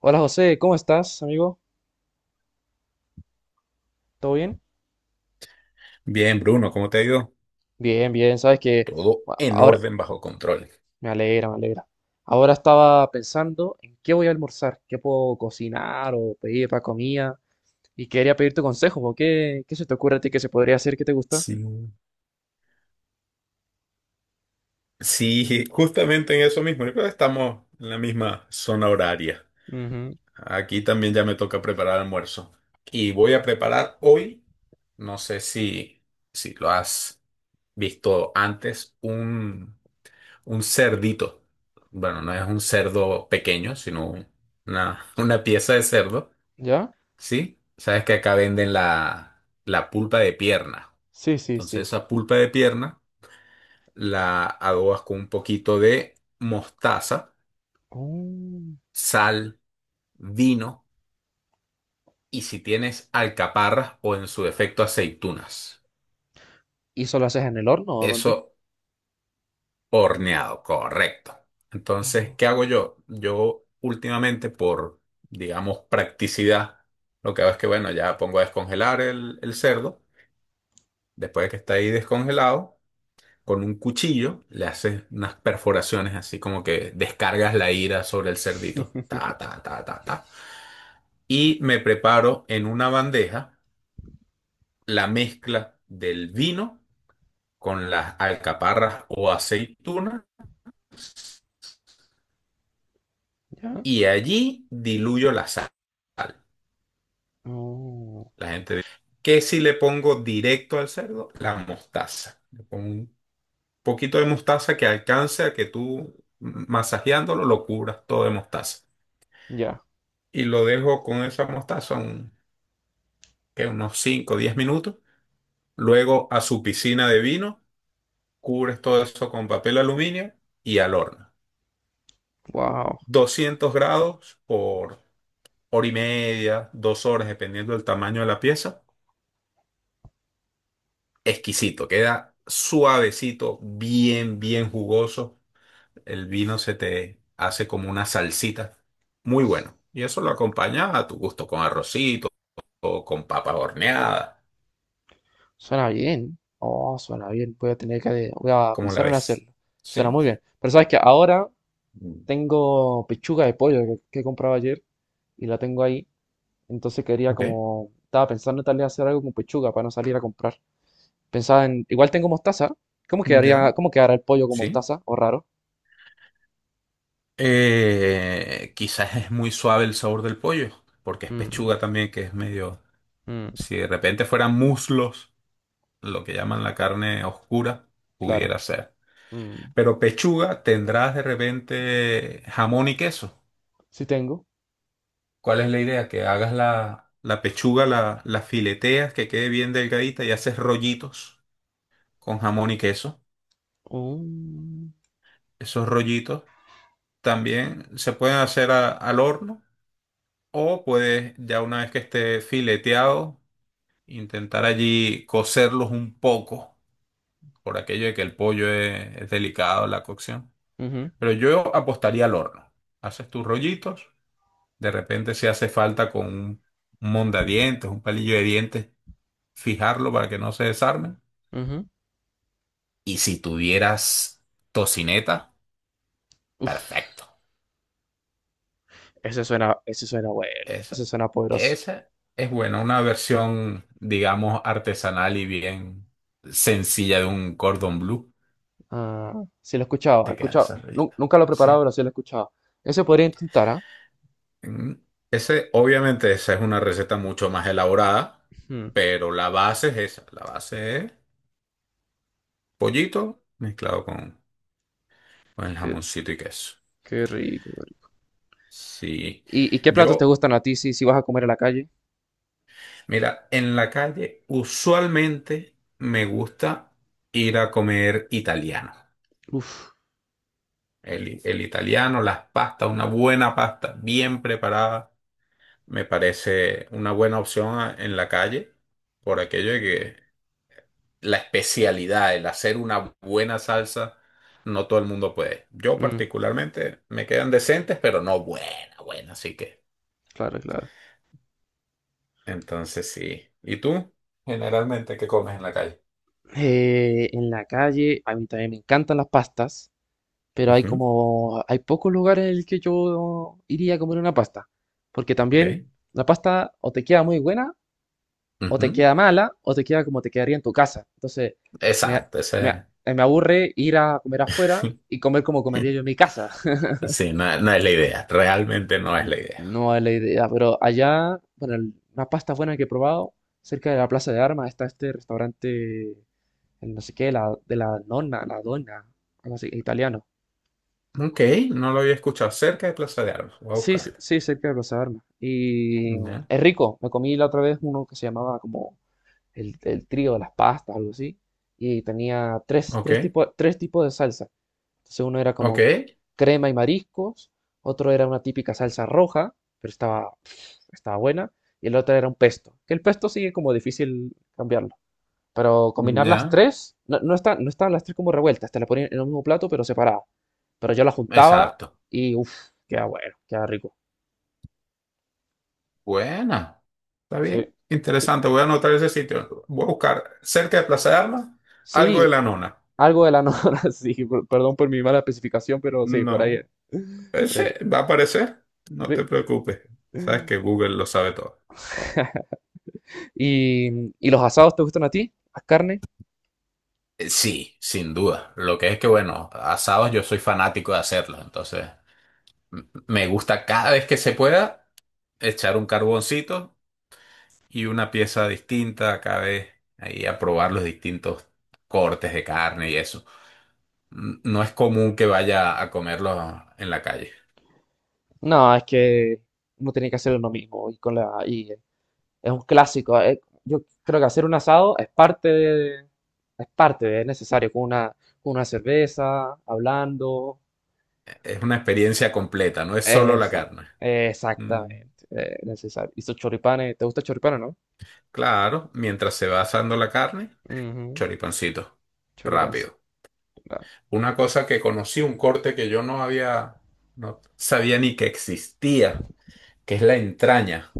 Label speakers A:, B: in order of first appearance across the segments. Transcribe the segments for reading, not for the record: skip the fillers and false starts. A: Hola José, ¿cómo estás, amigo? ¿Todo bien?
B: Bien, Bruno, ¿cómo te ha ido?
A: Bien, bien, sabes que
B: Todo
A: bueno,
B: en
A: ahora
B: orden, bajo control.
A: me alegra, me alegra. Ahora estaba pensando en qué voy a almorzar, qué puedo cocinar o pedir para comida y quería pedirte consejo, ¿ qué se te ocurre a ti que se podría hacer que te gusta?
B: Sí. Sí, justamente en eso mismo. Yo creo que estamos en la misma zona horaria.
A: Ujú.
B: Aquí también ya me toca preparar almuerzo. Y voy a preparar hoy, no sé si lo has visto antes, un cerdito. Bueno, no es un cerdo pequeño, sino una pieza de cerdo,
A: ¿Ya?
B: ¿sí? Sabes que acá venden la pulpa de pierna.
A: Sí, sí,
B: Entonces
A: sí.
B: esa pulpa de pierna la adobas con un poquito de mostaza,
A: Mm.
B: sal, vino y si tienes alcaparras o en su defecto aceitunas.
A: ¿Y solo haces en el horno o dónde?
B: Eso horneado, correcto. Entonces, ¿qué
A: Ah.
B: hago yo? Yo últimamente por, digamos, practicidad, lo que hago es que, bueno, ya pongo a descongelar el cerdo, después de que está ahí descongelado. Con un cuchillo le haces unas perforaciones así como que descargas la ira sobre el cerdito. Ta, ta, ta, ta, ta. Y me preparo en una bandeja la mezcla del vino con las alcaparras o aceitunas
A: ¿Ya?
B: y allí diluyo la sal.
A: Oh,
B: La gente dice, ¿qué si le pongo directo al cerdo? La mostaza. Le pongo un poquito de mostaza que alcance a que tú masajeándolo lo cubras todo de mostaza.
A: ya.
B: Y lo dejo con esa mostazón, que unos 5 o 10 minutos. Luego a su piscina de vino, cubres todo eso con papel aluminio y al horno. 200 grados por hora y media, dos horas, dependiendo del tamaño de la pieza. Exquisito, queda suavecito, bien, bien jugoso. El vino se te hace como una salsita. Muy bueno. Y eso lo acompaña a tu gusto con arrocito o con papas horneadas.
A: Suena bien. Oh, suena bien. Voy a tener voy a
B: ¿Cómo la
A: pensar en
B: ves?
A: hacerlo. Suena
B: Sí.
A: muy bien. Pero sabes que ahora tengo pechuga de pollo que compraba ayer y la tengo ahí. Entonces quería
B: Ok.
A: como, estaba pensando en tal vez hacer algo con pechuga para no salir a comprar. Pensaba en, igual tengo mostaza.
B: Ya,
A: ¿Cómo quedará el pollo con
B: sí.
A: mostaza? ¿O raro?
B: Quizás es muy suave el sabor del pollo, porque es
A: Mm,
B: pechuga también, que es medio.
A: mm.
B: Si de repente fueran muslos, lo que llaman la carne oscura,
A: Claro.
B: pudiera ser.
A: Mm,
B: Pero pechuga tendrás de repente jamón y queso.
A: sí tengo.
B: ¿Cuál es la idea? Que hagas la pechuga, la fileteas, que quede bien delgadita y haces rollitos con jamón y queso.
A: Mm,
B: Esos rollitos también se pueden hacer al horno. O puedes, ya una vez que esté fileteado, intentar allí cocerlos un poco, por aquello de que el pollo es delicado la cocción.
A: ujú,
B: Pero yo apostaría al horno. Haces tus rollitos, de repente si hace falta con un mondadientes, un palillo de dientes, fijarlo para que no se desarmen.
A: ujú.
B: Y si tuvieras tocineta,
A: Uf,
B: perfecto.
A: ese suena bueno. Ese
B: Esa,
A: suena poderoso.
B: esa es buena, una versión, digamos, artesanal y bien sencilla de un cordón blue.
A: Ah, sí lo he escuchado, he
B: Te queda
A: escuchado.
B: esa rellena.
A: Nunca lo he
B: Sí.
A: preparado, pero sí lo he escuchado. Eso podría intentar, ¿ah?
B: Mm. Ese, obviamente, esa es una receta mucho más elaborada,
A: Mm,
B: pero la base es esa. La base es pollito mezclado con el
A: qué,
B: jamoncito y queso.
A: qué rico, qué rico.
B: Sí.
A: Y qué platos te
B: Yo,
A: gustan a ti si vas a comer en la calle?
B: mira, en la calle usualmente me gusta ir a comer italiano.
A: Uf,
B: El italiano, las pastas, una buena pasta bien preparada, me parece una buena opción en la calle por aquello de que la especialidad, el hacer una buena salsa, no todo el mundo puede. Yo
A: mm,
B: particularmente me quedan decentes, pero no buena, buena, así que.
A: claro, claro.
B: Entonces sí. ¿Y tú? Generalmente, ¿qué comes en la calle?
A: En la calle, a mí también me encantan las pastas, pero hay
B: Ujú.
A: como, hay pocos lugares en el que yo iría a comer una pasta, porque también
B: Ok.
A: la pasta o te queda muy buena o te
B: Ujú.
A: queda mala o te queda como te quedaría en tu casa. Entonces, me,
B: Exacto, esa
A: me- me aburre ir a comer afuera y comer como
B: es.
A: comería yo en mi casa.
B: Sí, no, no es la idea, realmente no es la idea.
A: No es la idea, pero allá, bueno, el- una pasta buena que he probado, cerca de la Plaza de Armas está este restaurante, el no sé qué, la, de la nonna, la donna, algo así, italiano.
B: Ok, no lo había escuchado. Cerca de Plaza de Armas. Voy a
A: Sí,
B: buscarla.
A: sí, cerca de Plaza de Armas. Y
B: Ya.
A: es rico, me comí la otra vez uno que se llamaba como el trío de las pastas, algo así, y tenía
B: Ok,
A: tres tipos de salsa. Entonces uno era
B: ok.
A: como crema y mariscos, otro era una típica salsa roja, pero estaba, estaba buena, y el otro era un pesto. Que el pesto sigue como difícil cambiarlo. Pero combinar las
B: Ya.
A: tres, no estaban las tres como revueltas, te las ponían en el mismo plato, pero separada. Pero yo las juntaba
B: Exacto.
A: y uff, queda bueno, queda rico.
B: Buena. Está
A: Sí.
B: bien. Interesante. Voy a anotar ese sitio. Voy a buscar cerca de Plaza de Armas algo de
A: Sí,
B: la nona.
A: algo de la nora, sí, perdón por mi mala especificación, pero sí, por ahí
B: No.
A: Por ahí
B: Ese
A: es.
B: va a aparecer. No te
A: Ve.
B: preocupes. Sabes que Google lo sabe todo.
A: ¿Y, y los asados te gustan a ti? ¿Las carnes?
B: Sí, sin duda. Lo que es que, bueno, asados yo soy fanático de hacerlos. Entonces, me gusta cada vez que se pueda echar un carboncito y una pieza distinta cada vez, ahí a probar los distintos cortes de carne y eso. No es común que vaya a comerlos en la calle.
A: No, es que uno tiene que hacer uno mismo y con la y es un clásico. Yo creo que hacer un asado es parte es necesario con una cerveza, hablando.
B: Es una experiencia completa, no es solo la
A: Esa-
B: carne. Mm,
A: Exactamente, necesario. Y sus choripanes, ¿te gusta el choripán, o no?
B: claro, mientras se va asando la carne,
A: Ujú.
B: choripancito,
A: Choripancito.
B: rápido.
A: Claro.
B: Una cosa que conocí, un corte que yo no había, no sabía ni que existía, que es la entraña.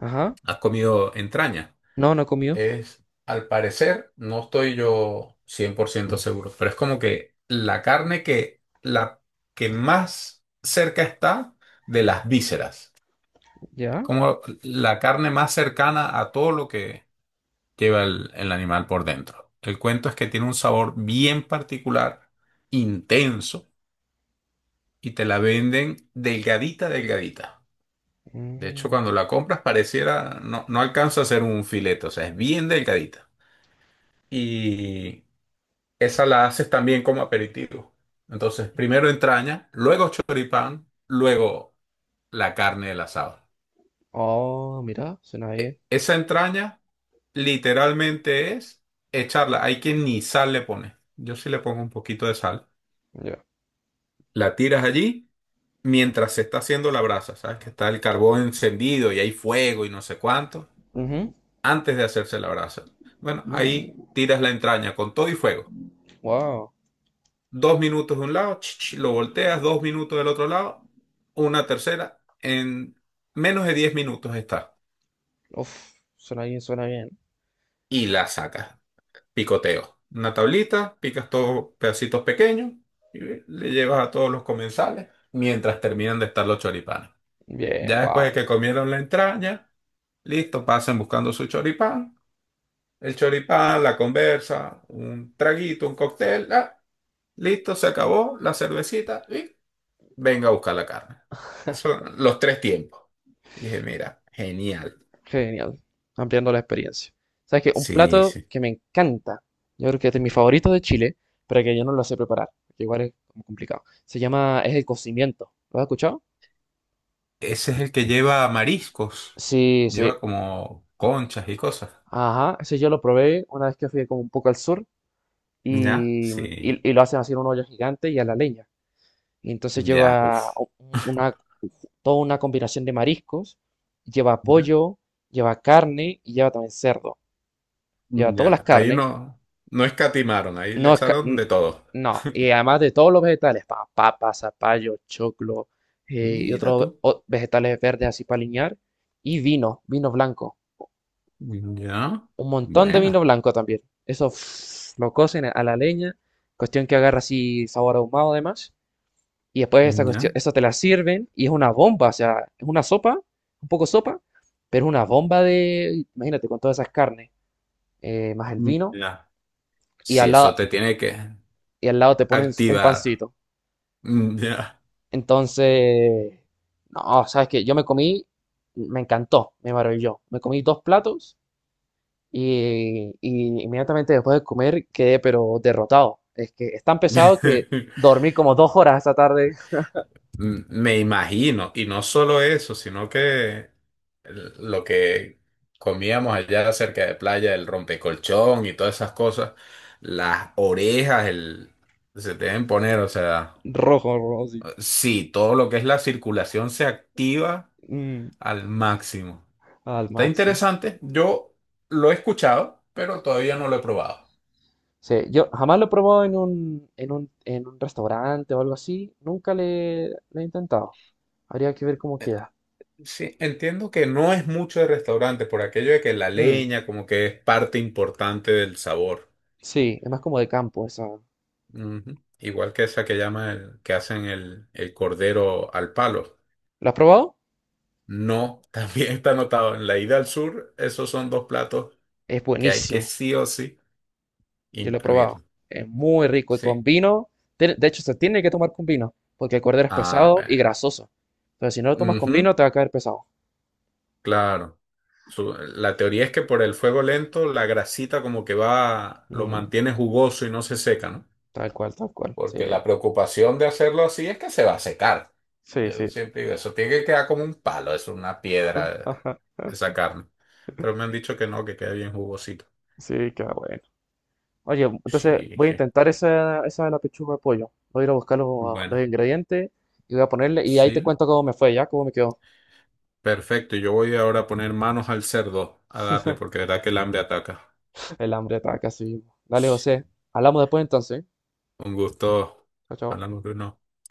A: Ajá.
B: ¿Has comido entraña?
A: No, no he comido.
B: Es, al parecer, no estoy yo 100% seguro, pero es como que la carne que, la que más cerca está de las vísceras,
A: ¿Ya?
B: como la carne más cercana a todo lo que lleva el animal por dentro. El cuento es que tiene un sabor bien particular, intenso, y te la venden delgadita, delgadita. De hecho, cuando
A: Mm.
B: la compras pareciera, no, no alcanza a ser un filete, o sea, es bien delgadita. Y esa la haces también como aperitivo. Entonces, primero entraña, luego choripán, luego la carne del asado.
A: Oh, mira, suena bien.
B: Esa entraña literalmente es echarla. Hay quien ni sal le pone. Yo sí le pongo un poquito de sal.
A: Ya.
B: La tiras allí mientras se está haciendo la brasa, ¿sabes? Que está el carbón encendido y hay fuego y no sé cuánto,
A: Ujú.
B: antes de hacerse la brasa. Bueno, ahí
A: Mm.
B: tiras la entraña con todo y fuego.
A: Wow.
B: Dos minutos de un lado, ch, ch, lo volteas, dos minutos del otro lado, una tercera, en menos de 10 minutos está.
A: Uf, suena bien, suena bien.
B: Y la sacas. Picoteo. Una tablita, picas todos pedacitos pequeños y le llevas a todos los comensales mientras terminan de estar los choripanes.
A: Bien,
B: Ya después
A: wow.
B: de que comieron la entraña, listo, pasen buscando su choripán. El choripán, la conversa, un traguito, un cóctel, ah, listo, se acabó la cervecita. Y venga a buscar la carne. Eso, los tres tiempos. Y dije, mira, genial.
A: Genial, ampliando la experiencia. ¿Sabes qué? Un
B: Sí,
A: plato
B: sí.
A: que me encanta, yo creo que este es mi favorito de Chile, pero que yo no lo sé preparar, que igual es como complicado. Se llama, es el cocimiento. ¿Lo has escuchado?
B: Ese es el que lleva mariscos.
A: Sí,
B: Lleva
A: sí.
B: como conchas y cosas.
A: Ajá, ese yo lo probé una vez que fui como un poco al sur
B: ¿Ya?
A: y,
B: Sí.
A: y- y- lo hacen así en un hoyo gigante y a la leña. Y entonces
B: Ya,
A: lleva
B: uff.
A: una, toda una combinación de mariscos, lleva
B: ¿Ya?
A: pollo, lleva carne y lleva también cerdo. Lleva todas las
B: Ya. Ahí
A: carnes.
B: no, no escatimaron, ahí le
A: No, es ca-
B: echaron
A: n-
B: de todo.
A: no, y además de todos los vegetales, papa, zapallo, choclo, y
B: Mira
A: otros
B: tú.
A: vegetales verdes así para aliñar, y vino, vino blanco,
B: Ya.
A: un montón de vino
B: Buena.
A: blanco también. Eso lo cocen a la leña, cuestión que agarra así sabor ahumado además, y después esa cuestión,
B: Ya.
A: eso te la sirven y es una bomba, o sea, es una sopa, un poco sopa, pero es una bomba de, imagínate, con todas esas carnes, más el vino,
B: Ya.
A: y
B: Sí,
A: al
B: eso
A: lado,
B: te tiene que
A: y al lado te ponen un
B: activar.
A: pancito.
B: Ya.
A: Entonces, no, sabes que me encantó, me maravilló. Me comí dos platos y inmediatamente después de comer quedé pero derrotado. Es que es tan pesado que dormí como dos horas esta tarde.
B: Me imagino, y no solo eso, sino que lo que comíamos allá cerca de playa, el rompecolchón y todas esas cosas, las orejas el, se deben poner, o sea,
A: Rojo, rojo, sí.
B: sí, todo lo que es la circulación se activa
A: Mm,
B: al máximo.
A: al
B: Está
A: máximo.
B: interesante, yo lo he escuchado, pero todavía no lo he probado.
A: Sí, yo jamás lo he probado en en un restaurante o algo así. Nunca le he intentado. Habría que ver cómo queda.
B: Sí, entiendo que no es mucho de restaurante por aquello de que la
A: Mm,
B: leña como que es parte importante del sabor.
A: sí, es más como de campo esa.
B: Ujú. Igual que esa que llama que hacen el cordero al palo.
A: ¿Lo has probado?
B: No, también está anotado en la ida al sur, esos son dos platos
A: Es
B: que hay que
A: buenísimo.
B: sí o sí
A: Yo lo he probado.
B: incluir.
A: Es muy rico y con
B: ¿Sí?
A: vino. De hecho, se tiene que tomar con vino, porque el cordero es
B: Ah,
A: pesado y
B: bueno.
A: grasoso. Entonces, si no lo tomas con
B: Ujú,
A: vino, te va a caer pesado.
B: claro. La teoría es que por el fuego lento la grasita como que va, lo
A: Mm,
B: mantiene jugoso y no se seca, ¿no?
A: tal cual, tal cual. Sí,
B: Porque la preocupación de hacerlo así es que se va a secar.
A: sí,
B: Yo
A: sí.
B: siempre digo, eso tiene que quedar como un palo, es una piedra esa carne. Pero me han dicho que no, que queda bien jugosito.
A: Sí, qué bueno. Oye, entonces
B: Sí,
A: voy a
B: je.
A: intentar esa de la pechuga de pollo. Voy a ir a buscar
B: Bueno,
A: los ingredientes y voy a ponerle. Y ahí te
B: sí,
A: cuento cómo me fue, ya, cómo me quedó.
B: perfecto. Yo voy ahora a poner manos al cerdo a darle, porque de verdad que el hambre ataca.
A: El hambre está casi. Dale,
B: Sí,
A: José. Hablamos después entonces.
B: un gusto.
A: Chao, chao.
B: Hablamos de uno.